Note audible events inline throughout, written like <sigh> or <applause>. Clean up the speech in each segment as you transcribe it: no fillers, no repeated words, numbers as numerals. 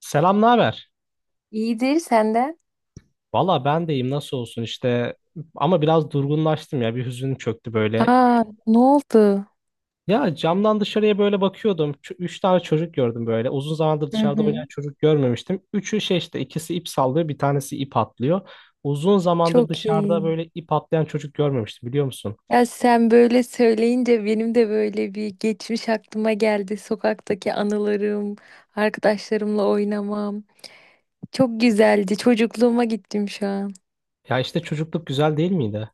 Selam, ne haber? İyidir senden. Valla ben deyim nasıl olsun işte ama biraz durgunlaştım ya bir hüzün çöktü böyle. Aa, ne oldu? Ya camdan dışarıya böyle bakıyordum. Üç tane çocuk gördüm böyle. Uzun zamandır Hı dışarıda oynayan hı. çocuk görmemiştim. Üçü şey işte ikisi ip sallıyor bir tanesi ip atlıyor. Uzun zamandır Çok iyi. dışarıda böyle ip atlayan çocuk görmemiştim biliyor musun? Ya sen böyle söyleyince benim de böyle bir geçmiş aklıma geldi. Sokaktaki anılarım, arkadaşlarımla oynamam. Çok güzeldi. Çocukluğuma gittim şu an. Ya işte çocukluk güzel değil miydi?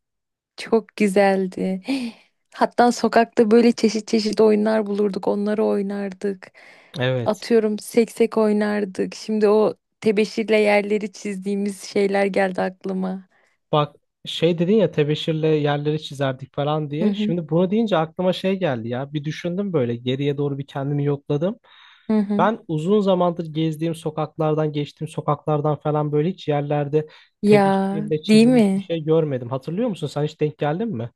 Çok güzeldi. <gasps> Hatta sokakta böyle çeşit çeşit oyunlar bulurduk. Onları oynardık. Evet. Atıyorum seksek oynardık. Şimdi o tebeşirle yerleri çizdiğimiz şeyler geldi aklıma. Bak şey dedin ya tebeşirle yerleri çizerdik falan Hı diye. hı. Şimdi bunu deyince aklıma şey geldi ya. Bir düşündüm böyle geriye doğru bir kendimi yokladım. Hı hı. Ben uzun zamandır gezdiğim sokaklardan, geçtiğim sokaklardan falan böyle hiç yerlerde Ya tebeşirle değil çizilmiş bir mi? şey görmedim. Hatırlıyor musun? Sen hiç denk geldin mi?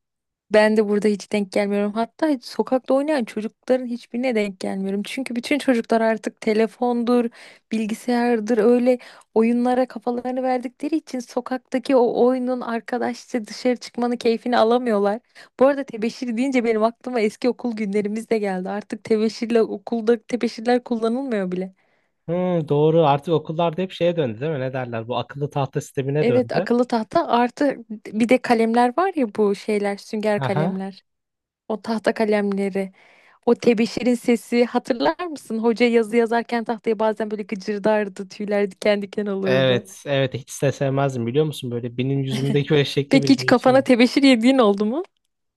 Ben de burada hiç denk gelmiyorum. Hatta sokakta oynayan çocukların hiçbirine denk gelmiyorum. Çünkü bütün çocuklar artık telefondur, bilgisayardır öyle oyunlara kafalarını verdikleri için sokaktaki o oyunun arkadaşça dışarı çıkmanın keyfini alamıyorlar. Bu arada tebeşir deyince benim aklıma eski okul günlerimiz de geldi. Artık tebeşirle okulda tebeşirler kullanılmıyor bile. Hmm, doğru. Artık okullarda hep şeye döndü değil mi? Ne derler? Bu akıllı tahta sistemine Evet, döndü. akıllı tahta artı bir de kalemler var ya, bu şeyler sünger Aha. kalemler. O tahta kalemleri, o tebeşirin sesi hatırlar mısın? Hoca yazı yazarken tahtaya bazen böyle gıcırdardı, tüyler diken diken olurdu. Evet, evet. Hiç de sevmezdim biliyor musun? Böyle benim yüzümdeki böyle şekli Peki bir hiç kafana değişim. tebeşir yediğin oldu mu?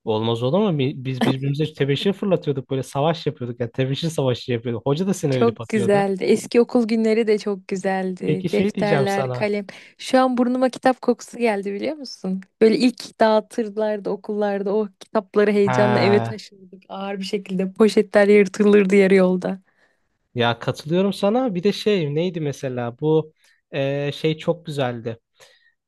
Olmaz olur mu? Biz birbirimize tebeşir fırlatıyorduk. Böyle savaş yapıyorduk. Yani tebeşir savaşı yapıyorduk. Hoca da sinirlenip Çok atıyordu. güzeldi. Eski okul günleri de çok güzeldi. Peki şey diyeceğim Defterler, sana. kalem. Şu an burnuma kitap kokusu geldi biliyor musun? Böyle ilk dağıtırlardı okullarda. O kitapları heyecanla eve Ha. taşırdık. Ağır bir şekilde poşetler yırtılırdı yarı yolda. Ya katılıyorum sana. Bir de şey neydi mesela bu şey çok güzeldi.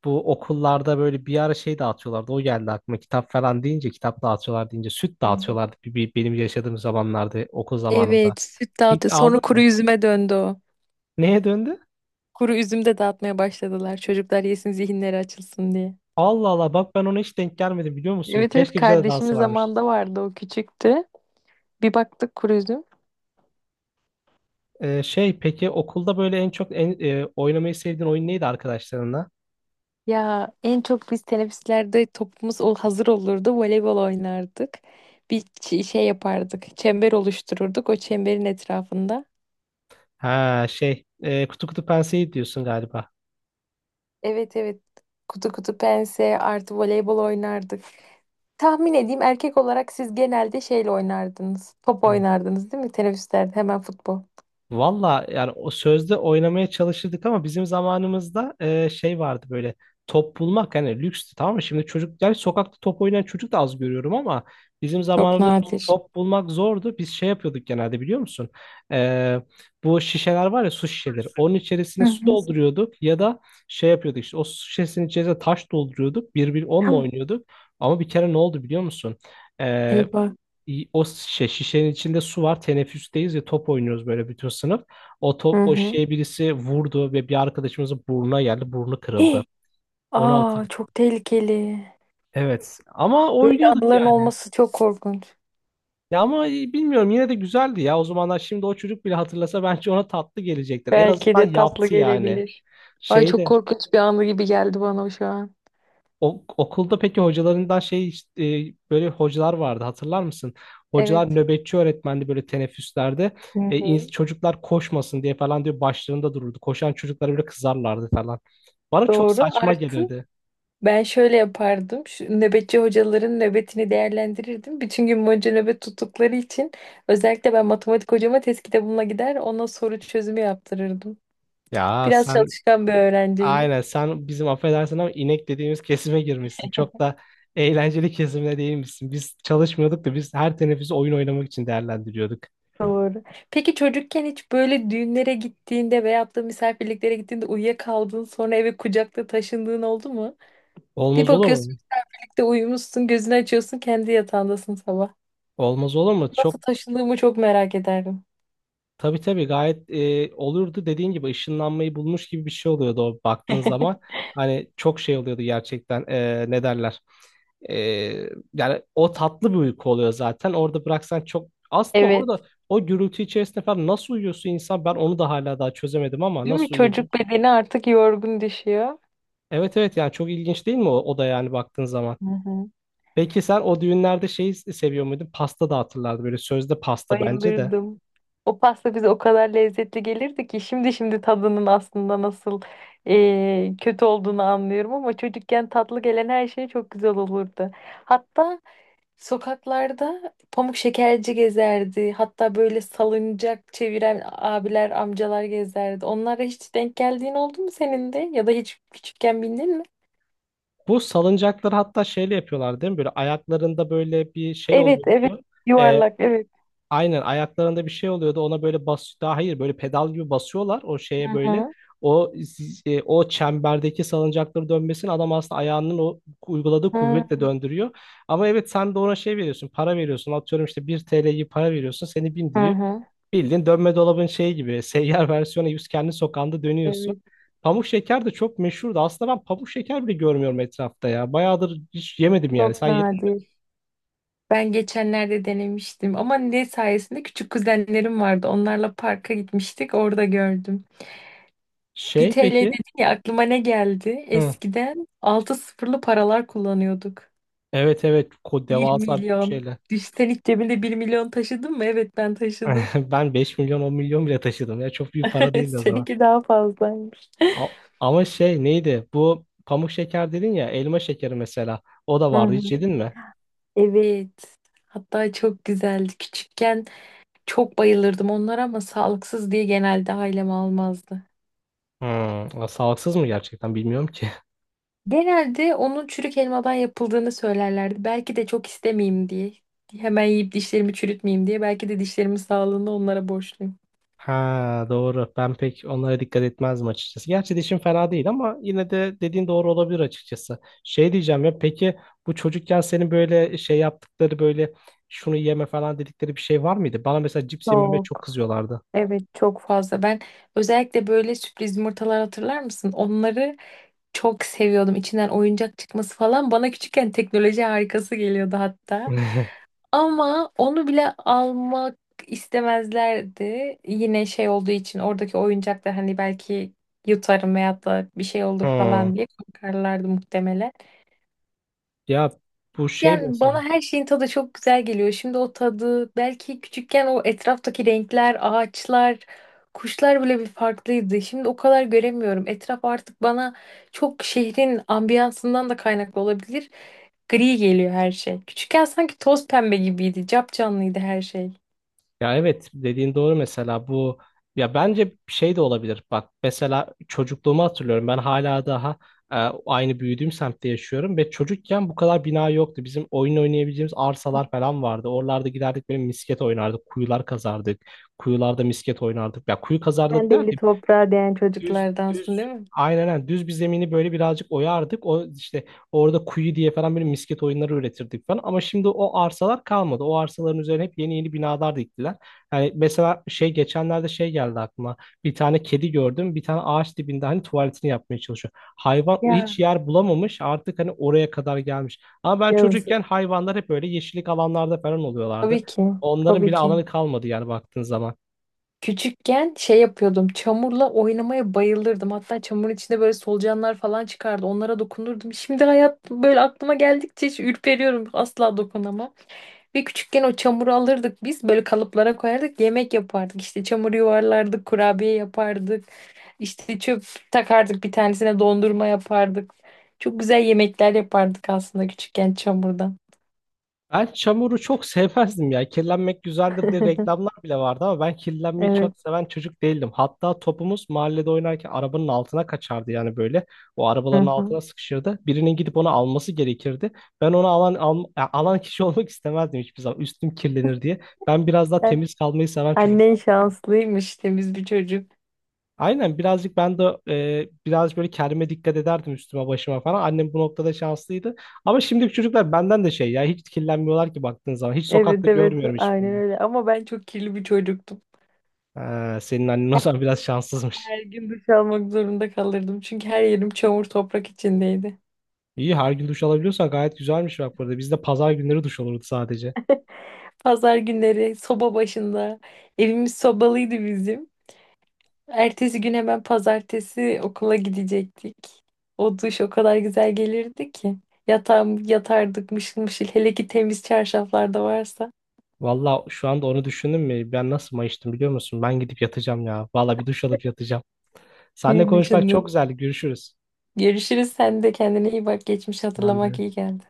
Bu okullarda böyle bir ara şey dağıtıyorlardı. O geldi aklıma. Kitap falan deyince, kitap dağıtıyorlar deyince süt Hı hı. dağıtıyorlardı. Benim yaşadığım zamanlarda, okul zamanımda. Evet, süt Hiç dağıtı. aldın Sonra mı? kuru üzüme döndü o. Neye döndü? Kuru üzüm de dağıtmaya başladılar. Çocuklar yesin, zihinleri açılsın diye. Allah Allah, bak ben ona hiç denk gelmedim biliyor musun? Evet evet, Keşke bize de kardeşimiz dağıtsalarmış. zamanında vardı o küçüktü. Bir baktık kuru üzüm. Şey peki okulda böyle en çok oynamayı sevdiğin oyun neydi arkadaşlarınla? Ya en çok biz teneffüslerde hazır olurdu. Voleybol oynardık. Şey yapardık. Çember oluştururduk. O çemberin etrafında. Ha şey kutu kutu penseyi diyorsun galiba. Evet evet. Kutu kutu pense artı voleybol oynardık. Tahmin edeyim, erkek olarak siz genelde şeyle oynardınız. Top oynardınız değil mi? Teneffüslerde hemen futbol. Valla yani o sözde oynamaya çalışırdık ama bizim zamanımızda şey vardı böyle top bulmak hani lükstü tamam mı? Şimdi çocuklar sokakta top oynayan çocuk da az görüyorum ama bizim Çok zamanımızda nadir. top bulmak zordu. Biz şey yapıyorduk genelde biliyor musun? E, bu şişeler var ya su şişeleri. Onun Hı içerisine su hı. dolduruyorduk ya da şey yapıyorduk işte o su şişesinin içerisine taş dolduruyorduk. Bir bir onunla Tamam. oynuyorduk. Ama bir kere ne oldu biliyor musun? E, Eyvah. o şişe, şişenin içinde su var. Teneffüsteyiz ya top oynuyoruz böyle bütün sınıf. O Hı top, o hı. şişeye birisi vurdu ve bir arkadaşımızın burnuna geldi. Burnu <gasps> kırıldı. Hih! Onu Aa, hatırlıyorum. çok tehlikeli. Evet ama Böyle oynuyorduk anıların yani. olması çok korkunç. Ya ama bilmiyorum yine de güzeldi ya. O zamanlar şimdi o çocuk bile hatırlasa bence ona tatlı gelecektir. En Belki azından de tatlı yaptı yani. gelebilir. Ay, çok Şeyde. korkunç bir anı gibi geldi bana şu an. O, okulda peki hocalarından şey işte, böyle hocalar vardı hatırlar mısın? Hocalar Evet. nöbetçi öğretmendi böyle teneffüslerde. Hı E, ins- hı. çocuklar koşmasın diye falan diyor başlarında dururdu. Koşan çocuklara bile kızarlardı falan. Bana çok Doğru. saçma Artı gelirdi. ben şöyle yapardım. Şu nöbetçi hocaların nöbetini değerlendirirdim. Bütün gün boyunca nöbet tuttukları için özellikle ben matematik hocama test kitabımla gider ona soru çözümü yaptırırdım. Ya Biraz sen çalışkan bir öğrenciydim. aynen sen bizim affedersin ama inek dediğimiz kesime girmişsin. Çok da eğlenceli kesimde değilmişsin. Biz çalışmıyorduk da biz her teneffüsü oyun oynamak için değerlendiriyorduk. Doğru. Peki çocukken hiç böyle düğünlere gittiğinde veyahut da misafirliklere gittiğinde uyuyakaldın sonra eve kucakta taşındığın oldu mu? Bir Olmaz olur bakıyorsun mu? de uyumuşsun, gözünü açıyorsun, kendi yatağındasın sabah. Olmaz olur mu? Çok. Nasıl taşındığımı çok merak ederdim. Tabii tabii gayet olurdu dediğin gibi ışınlanmayı bulmuş gibi bir şey oluyordu o baktığın <laughs> zaman. Hani çok şey oluyordu gerçekten ne derler. E, yani o tatlı bir uyku oluyor zaten orada bıraksan çok aslında orada Evet. o gürültü içerisinde falan nasıl uyuyorsun insan ben onu da hala daha çözemedim ama Değil mi? nasıl uyuyabilir? Çocuk bedeni artık yorgun düşüyor. Evet evet yani çok ilginç değil mi o, o da yani baktığın zaman. Hı hı. Peki sen o düğünlerde şeyi seviyor muydun? Pasta dağıtırlardı böyle sözde pasta bence de. Bayılırdım. O pasta bize o kadar lezzetli gelirdi ki şimdi tadının aslında nasıl kötü olduğunu anlıyorum, ama çocukken tatlı gelen her şey çok güzel olurdu. Hatta sokaklarda pamuk şekerci gezerdi. Hatta böyle salıncak çeviren abiler, amcalar gezerdi. Onlara hiç denk geldiğin oldu mu senin de? Ya da hiç küçükken bindin mi? Bu salıncakları hatta şeyle yapıyorlar değil mi? Böyle ayaklarında böyle bir şey Evet, evet. oluyordu. Ee, Yuvarlak, evet. aynen ayaklarında bir şey oluyordu. Ona böyle bas daha hayır böyle pedal gibi basıyorlar o Hı şeye böyle. hı. O o çemberdeki salıncakları dönmesini adam aslında ayağının o uyguladığı Hı kuvvetle döndürüyor. Ama evet sen de ona şey veriyorsun, para veriyorsun. Atıyorum işte 1 TL'yi para veriyorsun, seni hı. bindiriyor. Hı. Bildiğin dönme dolabın şeyi gibi <laughs> seyyar versiyonu yüz kendi sokağında dönüyorsun. Evet. Pamuk şeker de çok meşhurdu. Aslında ben pamuk şeker bile görmüyorum etrafta ya. Bayağıdır hiç yemedim yani. Çok Sen yedin mi? nadir. Ben geçenlerde denemiştim ama ne sayesinde, küçük kuzenlerim vardı. Onlarla parka gitmiştik, orada gördüm. 1 Şey TL dedin peki? ya, aklıma ne geldi? Hı. Eskiden 6 sıfırlı paralar kullanıyorduk. Evet, evet. Ko Bir devasa bir milyon. şeyler. Düş- Sen hiç cebinde 1 milyon taşıdın mı? Evet, ben taşıdım. <laughs> Ben 5 milyon 10 milyon bile taşıdım ya. Çok büyük para <laughs> değildi o zaman. Seninki daha fazlaymış. A- ama şey neydi? Bu pamuk şeker dedin ya elma şekeri mesela. O da Hı vardı. Hiç hı. yedin mi? Evet. Hatta çok güzeldi. Küçükken çok bayılırdım onlara ama sağlıksız diye genelde ailem almazdı. Hmm. Sağlıksız mı gerçekten bilmiyorum ki. Genelde onun çürük elmadan yapıldığını söylerlerdi. Belki de çok istemeyeyim diye. Hemen yiyip dişlerimi çürütmeyeyim diye. Belki de dişlerimin sağlığını onlara borçluyum. Ha, doğru. Ben pek onlara dikkat etmezdim açıkçası. Gerçi dişim fena değil ama yine de dediğin doğru olabilir açıkçası. Şey diyeceğim ya peki bu çocukken senin böyle şey yaptıkları böyle şunu yeme falan dedikleri bir şey var mıydı? Bana mesela cips yememe çok Çok, kızıyorlardı. evet çok fazla. Ben özellikle böyle sürpriz yumurtalar, hatırlar mısın? Onları çok seviyordum, içinden oyuncak çıkması falan. Bana küçükken teknoloji harikası geliyordu hatta. <laughs> Ama onu bile almak istemezlerdi. Yine şey olduğu için, oradaki oyuncaklar hani belki yutarım veyahut da bir şey olur Hmm. falan diye korkarlardı muhtemelen. Ya bu şey Yani bana mesela. her şeyin tadı çok güzel geliyor. Şimdi o tadı belki küçükken o etraftaki renkler, ağaçlar, kuşlar bile bir farklıydı. Şimdi o kadar göremiyorum. Etraf artık bana çok şehrin ambiyansından da kaynaklı olabilir. Gri geliyor her şey. Küçükken sanki toz pembe gibiydi. Capcanlıydı her şey. Ya evet dediğin doğru mesela bu ya bence şey de olabilir. Bak mesela çocukluğumu hatırlıyorum. Ben hala daha e, aynı büyüdüğüm semtte yaşıyorum ve çocukken bu kadar bina yoktu. Bizim oyun oynayabileceğimiz arsalar falan vardı. Oralarda giderdik böyle misket oynardık, kuyular kazardık. Kuyularda misket oynardık. Ya kuyu Sen kazardık de eli derken toprağa değen Düz çocuklardansın düz değil mi? aynen aynen. Düz bir zemini böyle birazcık oyardık. O işte orada kuyu diye falan böyle misket oyunları üretirdik falan. Ama şimdi o arsalar kalmadı. O arsaların üzerine hep yeni yeni binalar diktiler. Yani mesela şey geçenlerde şey geldi aklıma. Bir tane kedi gördüm. Bir tane ağaç dibinde hani tuvaletini yapmaya çalışıyor. Hayvan o Ya, hiç yer bulamamış. Artık hani oraya kadar gelmiş. Ama ben yazık. çocukken hayvanlar hep böyle yeşillik alanlarda falan oluyorlardı. Tabii ki. Onların Tabii bile ki. alanı kalmadı yani baktığın zaman. Küçükken şey yapıyordum. Çamurla oynamaya bayılırdım. Hatta çamurun içinde böyle solucanlar falan çıkardı. Onlara dokunurdum. Şimdi hayat böyle aklıma geldikçe hiç ürperiyorum. Asla dokunamam. Ve küçükken o çamuru alırdık biz. Böyle kalıplara koyardık. Yemek yapardık. İşte çamur yuvarlardık. Kurabiye yapardık. İşte çöp takardık. Bir tanesine dondurma yapardık. Çok güzel yemekler yapardık aslında küçükken çamurdan. Ben çamuru çok sevmezdim ya. Kirlenmek güzeldir diye <laughs> reklamlar bile vardı ama ben kirlenmeyi çok Evet. seven çocuk değildim. Hatta topumuz mahallede oynarken arabanın altına kaçardı yani böyle. O arabaların Hı hı. altına sıkışırdı. Birinin gidip onu alması gerekirdi. Ben onu alan kişi <laughs> olmak istemezdim hiçbir zaman. Üstüm kirlenir diye. Ben biraz daha Ben- temiz kalmayı seven çocuk. Annen şanslıymış, temiz bir çocuk. Aynen birazcık ben de biraz böyle kendime dikkat ederdim üstüme başıma falan. Annem bu noktada şanslıydı. Ama şimdiki çocuklar benden de şey ya hiç kirlenmiyorlar ki baktığın zaman. Hiç Evet sokakta evet, görmüyorum aynen hiçbirini. öyle ama ben çok kirli bir çocuktum. Ha, senin annen o zaman biraz şanssızmış. Her gün duş almak zorunda kalırdım çünkü her yerim çamur toprak içindeydi. İyi her gün duş alabiliyorsan gayet güzelmiş bak burada. Bizde pazar günleri duş olurdu sadece. Pazar günleri soba başında, evimiz sobalıydı bizim. Ertesi gün hemen pazartesi okula gidecektik. O duş o kadar güzel gelirdi ki. Yatağım, yatardık mışıl mışıl hele ki temiz çarşaflar da varsa. Valla şu anda onu düşündüm mü? Ben nasıl mayıştım biliyor musun? Ben gidip yatacağım ya. Valla bir duş alıp yatacağım. Seninle İyi konuşmak çok düşündün. güzeldi. Görüşürüz. Görüşürüz, sen de kendine iyi bak, geçmiş Ben hatırlamak de. iyi geldi.